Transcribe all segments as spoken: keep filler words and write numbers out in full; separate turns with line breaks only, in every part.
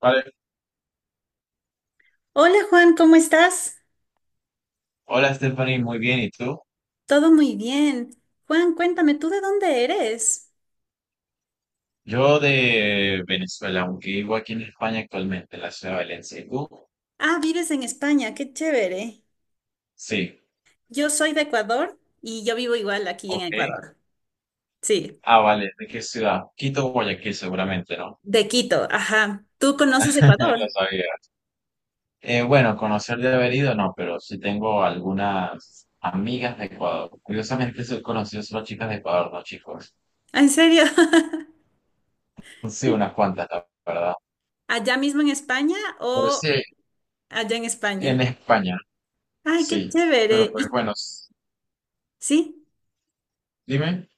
Vale.
Hola Juan, ¿cómo estás?
Hola Stephanie, muy bien. ¿Y tú?
Todo muy bien. Juan, cuéntame, ¿tú de dónde eres?
Yo de Venezuela, aunque vivo aquí en España actualmente, en la ciudad de Valencia. ¿Y tú?
Ah, vives en España, qué chévere.
Sí,
Yo soy de Ecuador y yo vivo igual aquí en
ok.
Ecuador. Sí,
Ah, vale. ¿De qué ciudad? Quito, Guayaquil, seguramente, ¿no?
de Quito, ajá. ¿Tú conoces
Lo
Ecuador?
sabía. Eh, bueno, conocer de haber ido, no, pero sí tengo algunas amigas de Ecuador. Curiosamente, soy conocido solo chicas de Ecuador, no chicos.
Ah, ¿en serio?
Sí,
Sí.
unas cuantas, la verdad.
¿Allá mismo en España
Pero
o
sí,
eh, allá en España?
en España,
Ay, qué
sí. Pero
chévere.
pues
¿Y
bueno, s-
sí?
dime.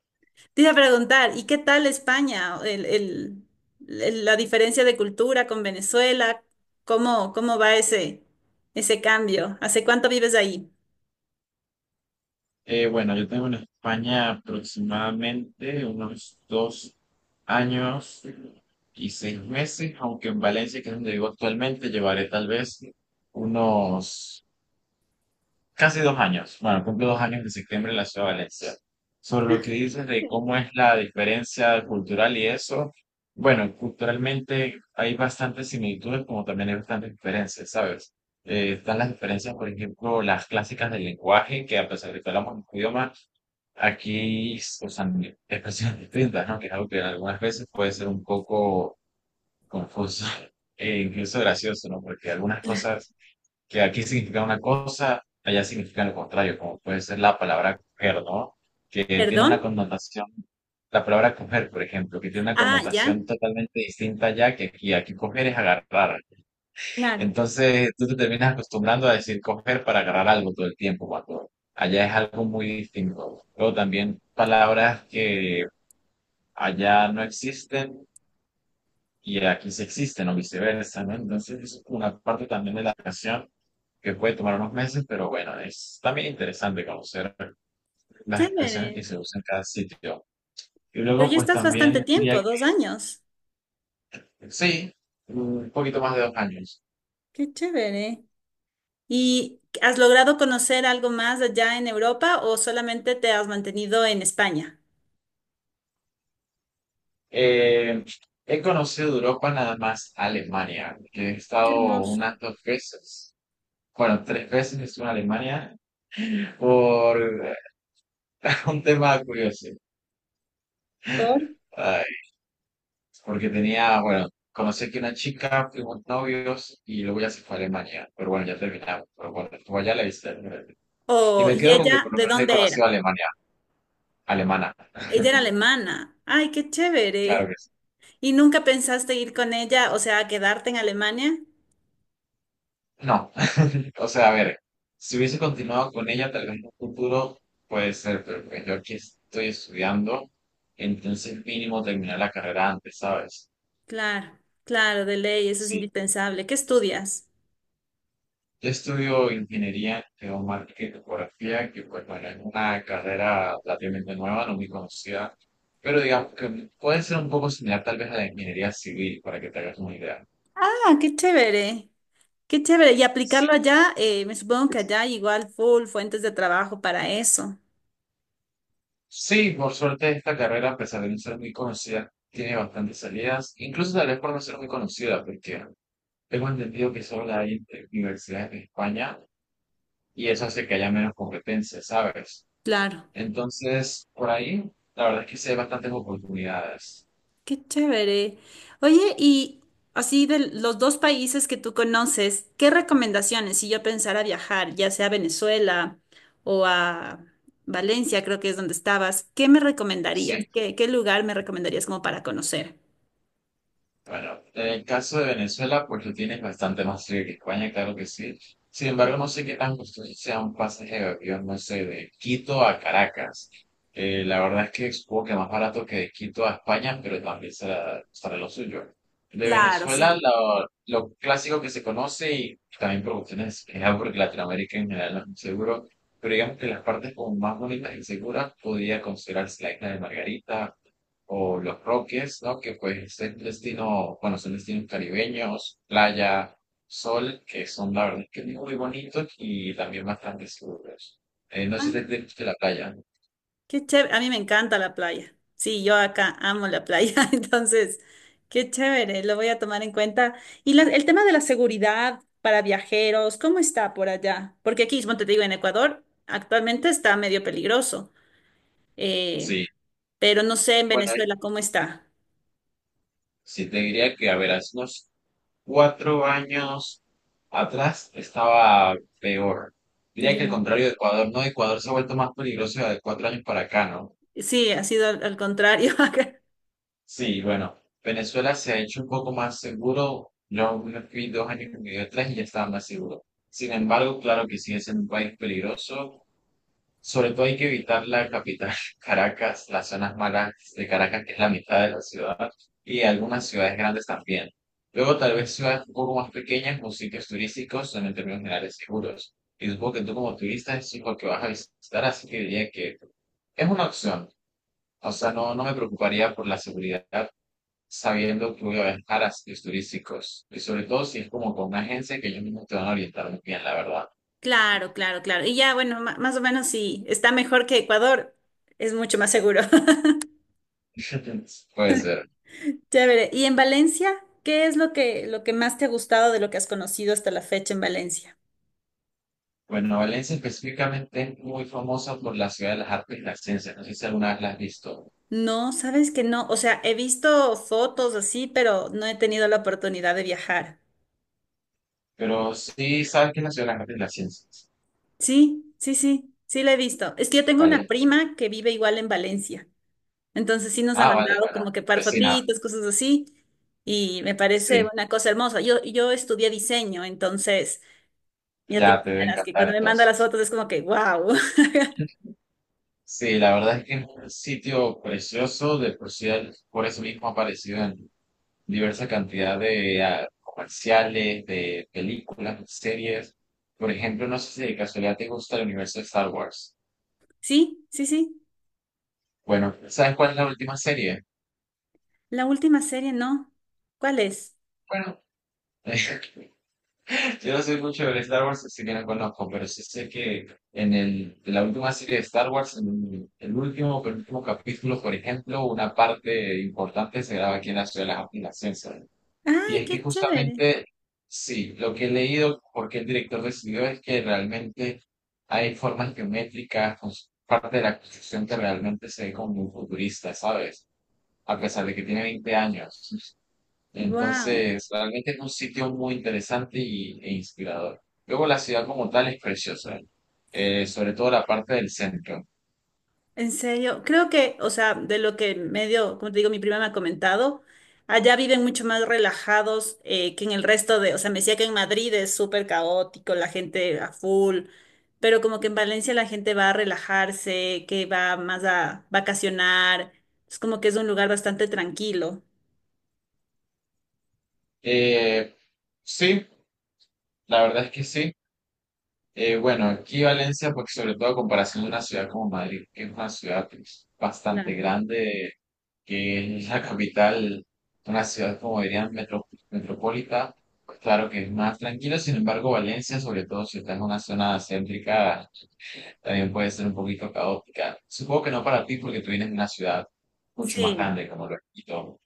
Te iba a preguntar, ¿y qué tal España? El, el- el- la diferencia de cultura con Venezuela, ¿cómo, cómo va ese, ese cambio? ¿Hace cuánto vives ahí?
Eh, bueno, yo tengo en España aproximadamente unos dos años y seis meses, aunque en Valencia, que es donde vivo actualmente, llevaré tal vez unos casi dos años. Bueno, cumplo dos años de septiembre en la ciudad de Valencia. Sobre lo que dices de cómo es la diferencia cultural y eso, bueno, culturalmente hay bastantes similitudes, como también hay bastantes diferencias, ¿sabes? Eh, están las diferencias, por ejemplo, las clásicas del lenguaje, que a pesar de que hablamos un idioma, Aquí, o sea, mi expresiones distintas, ¿no? Que es algo que algunas veces puede ser un poco confuso e incluso gracioso, ¿no? Porque algunas
Claro.
cosas que aquí significan una cosa, allá significan lo contrario, como puede ser la palabra coger, ¿no? Que tiene
¿Perdón?
una connotación, la palabra coger, por ejemplo, que tiene una
Ah, ya.
connotación totalmente distinta allá que aquí. Aquí coger es agarrar,
Claro.
entonces tú te terminas acostumbrando a decir coger para agarrar algo todo el tiempo, cuando allá es algo muy distinto. Luego también palabras que allá no existen y aquí sí existen o viceversa, ¿no? Entonces es una parte también de la canción que puede tomar unos meses, pero bueno, es también interesante conocer las expresiones que
Chévere.
se usan en cada sitio. Y
Pero
luego
ya
pues
estás bastante
también diría
tiempo,
que
dos años.
sí, un poquito más de dos años.
Qué chévere. ¿Y has logrado conocer algo más allá en Europa o solamente te has mantenido en España?
Eh, He conocido Europa nada más Alemania, que he
Qué
estado unas
hermoso.
dos veces. Bueno, tres veces estuve en Alemania por un tema curioso.
Por-
Ay, porque tenía, bueno, conocí aquí una chica, fuimos novios y luego ya se fue a Alemania. Pero bueno, ya terminamos. Pero bueno, estuvo allá la viste. Y
O,
me
¿y
quedo con que
ella
por lo
de
menos he
dónde
conocido
era?
a Alemania, alemana.
Ella era alemana. Ay, qué
Claro
chévere.
que sí.
¿Y nunca pensaste ir con ella, o sea, a quedarte en Alemania?
No, o sea, a ver, si hubiese continuado con ella, tal vez en un futuro puede ser, pero pues yo aquí estoy estudiando, entonces mínimo terminar la carrera antes, ¿sabes?
Claro, claro, de ley, eso es
Sí,
indispensable. ¿Qué estudias?
yo estudio ingeniería geomática y topografía, que pues bueno, es una carrera relativamente nueva, no muy conocida, pero digamos que puede ser un poco similar tal vez a la ingeniería civil, para que te hagas una idea.
Ah, qué chévere. Qué chévere. Y aplicarlo allá, eh, me supongo que allá hay igual full fuentes de trabajo para eso.
Sí, por suerte esta carrera, a pesar de no ser muy conocida, tiene bastantes salidas, incluso tal vez por no ser muy conocida, porque tengo entendido que solo hay entre universidades de España y eso hace que haya menos competencia, ¿sabes?
Claro.
Entonces, por ahí, la verdad es que sí hay bastantes oportunidades.
Qué chévere. Oye, y así de los dos países que tú conoces, ¿qué recomendaciones si yo pensara viajar, ya sea a Venezuela o a Valencia, creo que es donde estabas, ¿qué me
Sí,
recomendarías? ¿Qué, qué lugar me recomendarías como para conocer?
bueno, en el caso de Venezuela, pues lo tienes bastante más frío que España, claro que sí. Sin embargo, no sé qué tan costoso sea un pasaje de avión, no sé, de Quito a Caracas. Eh, la verdad es que supongo que más barato que de Quito a España, pero también será, será lo suyo. De
Claro,
Venezuela,
sí.
lo, lo clásico que se conoce, y también por cuestiones de seguridad, porque Latinoamérica en general no es muy seguro, pero digamos que las partes como más bonitas y seguras podría considerarse la isla de Margarita, o los Roques, ¿no? Que pues es destino, bueno, son destinos caribeños, playa, sol, que son la verdad que muy bonitos y también bastante seguros. Eh, no sé si te gusta la playa.
Qué chévere, a mí me encanta la playa. Sí, yo acá amo la playa, entonces, qué chévere, lo voy a tomar en cuenta. Y la- el tema de la seguridad para viajeros, ¿cómo está por allá? Porque aquí, como te digo, en Ecuador actualmente está medio peligroso, eh,
Sí,
pero no sé en
bueno, eh,
Venezuela cómo está.
sí te diría que, a ver, hace unos cuatro años atrás estaba peor. Diría que el
Ya.
contrario de Ecuador, ¿no? Ecuador se ha vuelto más peligroso de cuatro años para acá, ¿no?
Sí, ha sido al, al contrario. Acá.
Sí, bueno, Venezuela se ha hecho un poco más seguro. Yo me fui dos años y medio, tres y ya estaba más seguro. Sin embargo, claro que sigue siendo un país peligroso. Sobre todo hay que evitar la capital, Caracas, las zonas malas de Caracas, que es la mitad de la ciudad, y algunas ciudades grandes también. Luego, tal vez ciudades un poco más pequeñas o sitios turísticos son en términos generales seguros. Y supongo que tú como turista es lo que vas a visitar, así que diría que es una opción. O sea, no, no me preocuparía por la seguridad sabiendo que voy a viajar a sitios turísticos. Y sobre todo si es como con una agencia que ellos mismos te van a orientar muy bien, la verdad.
Claro, claro, claro. Y ya, bueno, ma- más o menos sí, está mejor que Ecuador, es mucho más seguro.
Puede ser.
Chévere. ¿Y en Valencia? ¿Qué es lo que, lo que más te ha gustado de lo que has conocido hasta la fecha en Valencia?
Bueno, Valencia específicamente es muy famosa por la ciudad de las artes y las ciencias. No sé si alguna vez la has visto,
No, sabes que no. O sea, he visto fotos así, pero no he tenido la oportunidad de viajar.
pero sí sabes que es la ciudad de las artes y las ciencias.
Sí, sí, sí, sí la he visto. Es que yo tengo una
Vale.
prima que vive igual en Valencia. Entonces sí nos ha
Ah, vale,
mandado
bueno.
como que par
Vecina,
fotitos, cosas así. Y me parece
sí,
una cosa hermosa. Yo, yo estudié diseño, entonces ya te
ya te debe
imaginarás que
encantar
cuando me manda las
entonces.
fotos es como que, wow.
Sí, la verdad es que es un sitio precioso, de por sí, por eso mismo ha aparecido en diversa cantidad de ah, comerciales, de películas, de series. Por ejemplo, no sé si de casualidad te gusta el universo de Star Wars.
Sí, sí, sí.
Bueno, ¿sabes cuál es la última serie?
La última serie no. ¿Cuál es?
Bueno, yo no soy mucho de Star Wars, así que no conozco, pero sí sé que en el, en la última serie de Star Wars, en el último, penúltimo capítulo, por ejemplo, una parte importante se graba aquí en la ciudad de las, en
¡Ay,
Y es
qué
que
chévere!
justamente, sí, lo que he leído, porque el director decidió es que realmente hay formas geométricas, cons- parte de la construcción que realmente se ve como muy futurista, ¿sabes? A pesar de que tiene veinte años.
¡Wow!
Entonces, realmente es un sitio muy interesante y, e inspirador. Luego la ciudad como tal es preciosa, eh, sobre todo la parte del centro.
En serio, creo que, o sea, de lo que medio, como te digo, mi prima me ha comentado, allá viven mucho más relajados eh, que en el resto de, o sea, me decía que en Madrid es súper caótico, la gente a full, pero como que en Valencia la gente va a relajarse, que va más a vacacionar, es como que es un lugar bastante tranquilo.
Eh, sí, la verdad es que sí. Eh, bueno, aquí Valencia, pues sobre todo a comparación de una ciudad como Madrid, que es una ciudad pues, bastante
Claro.
grande, que es la capital, una ciudad como dirían metro- metropolita, pues claro que es más tranquila, sin embargo Valencia, sobre todo si estás en una zona céntrica, también puede ser un poquito caótica. Supongo que no para ti porque tú vienes de una ciudad mucho más
Sí,
grande como lo es Quito,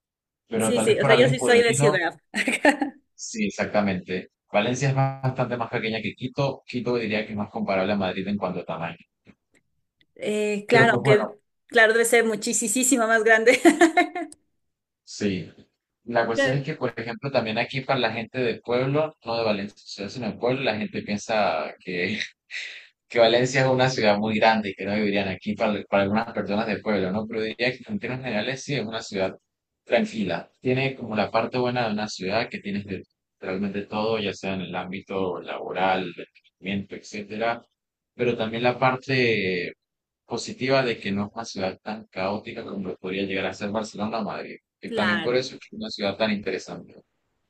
pero
sí,
tal
sí,
vez
o sea,
para
yo
alguien
sí soy de
pueblerino
ciudad.
Sí, exactamente. Valencia es bastante más pequeña que Quito. Quito diría que es más comparable a Madrid en cuanto a tamaño.
Eh,
Pero
claro,
pues bueno,
aunque claro, debe ser muchísimo más grande.
sí. La cuestión es
Qué-
que, por ejemplo, también aquí para la gente de pueblo, no de Valencia, sino de pueblo, la gente piensa que es que Valencia es una ciudad muy grande y que no vivirían aquí para, para algunas personas de pueblo, ¿no? Pero diría que en términos generales sí es una ciudad tranquila. Tiene como la parte buena de una ciudad que tienes de- realmente todo, ya sea en el ámbito laboral, de entretenimiento, etcétera, pero también la parte positiva de que no es una ciudad tan caótica como lo podría llegar a ser Barcelona o Madrid, que también por
Claro,
eso es que es una ciudad tan interesante.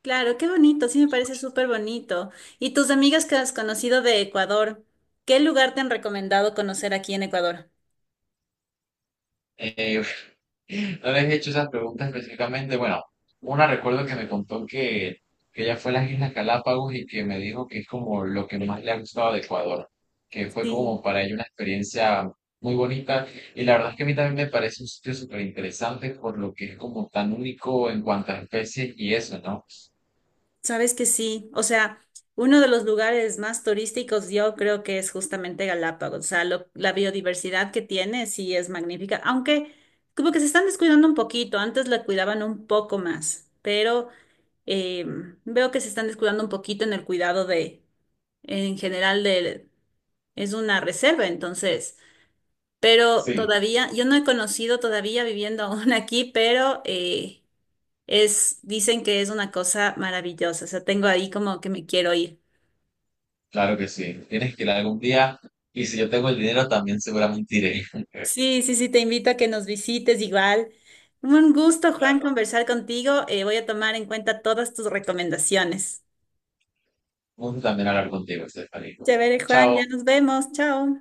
claro, qué bonito, sí me parece súper bonito. ¿Y tus amigas que has conocido de Ecuador, qué lugar te han recomendado conocer aquí en Ecuador?
Eh, No les he hecho esas preguntas específicamente. Bueno, una recuerdo que me contó que, que ella fue a las Islas Galápagos y que me dijo que es como lo que más le ha gustado de Ecuador, que fue como
Sí,
para ella una experiencia muy bonita. Y la verdad es que a mí también me parece un sitio súper interesante por lo que es como tan único en cuanto a especies y eso, ¿no?
sabes que sí. O sea, uno de los lugares más turísticos yo creo que es justamente Galápagos. O sea, lo- la biodiversidad que tiene sí es magnífica, aunque como que se están descuidando un poquito, antes la cuidaban un poco más, pero eh, veo que se están descuidando un poquito en el cuidado de, en general, de, es una reserva, entonces, pero
Sí,
todavía, yo no he conocido todavía viviendo aún aquí, pero eh, es, dicen que es una cosa maravillosa, o sea, tengo ahí como que me quiero ir.
claro que sí. Tienes que ir algún día y si yo tengo el dinero también seguramente iré.
Sí, sí, sí, te invito a que nos visites igual. Un gusto, Juan, conversar contigo. Eh, voy a tomar en cuenta todas tus recomendaciones.
Un gusto también hablar contigo, Estefanía.
Chévere, Juan, ya
Chao.
nos vemos. Chao.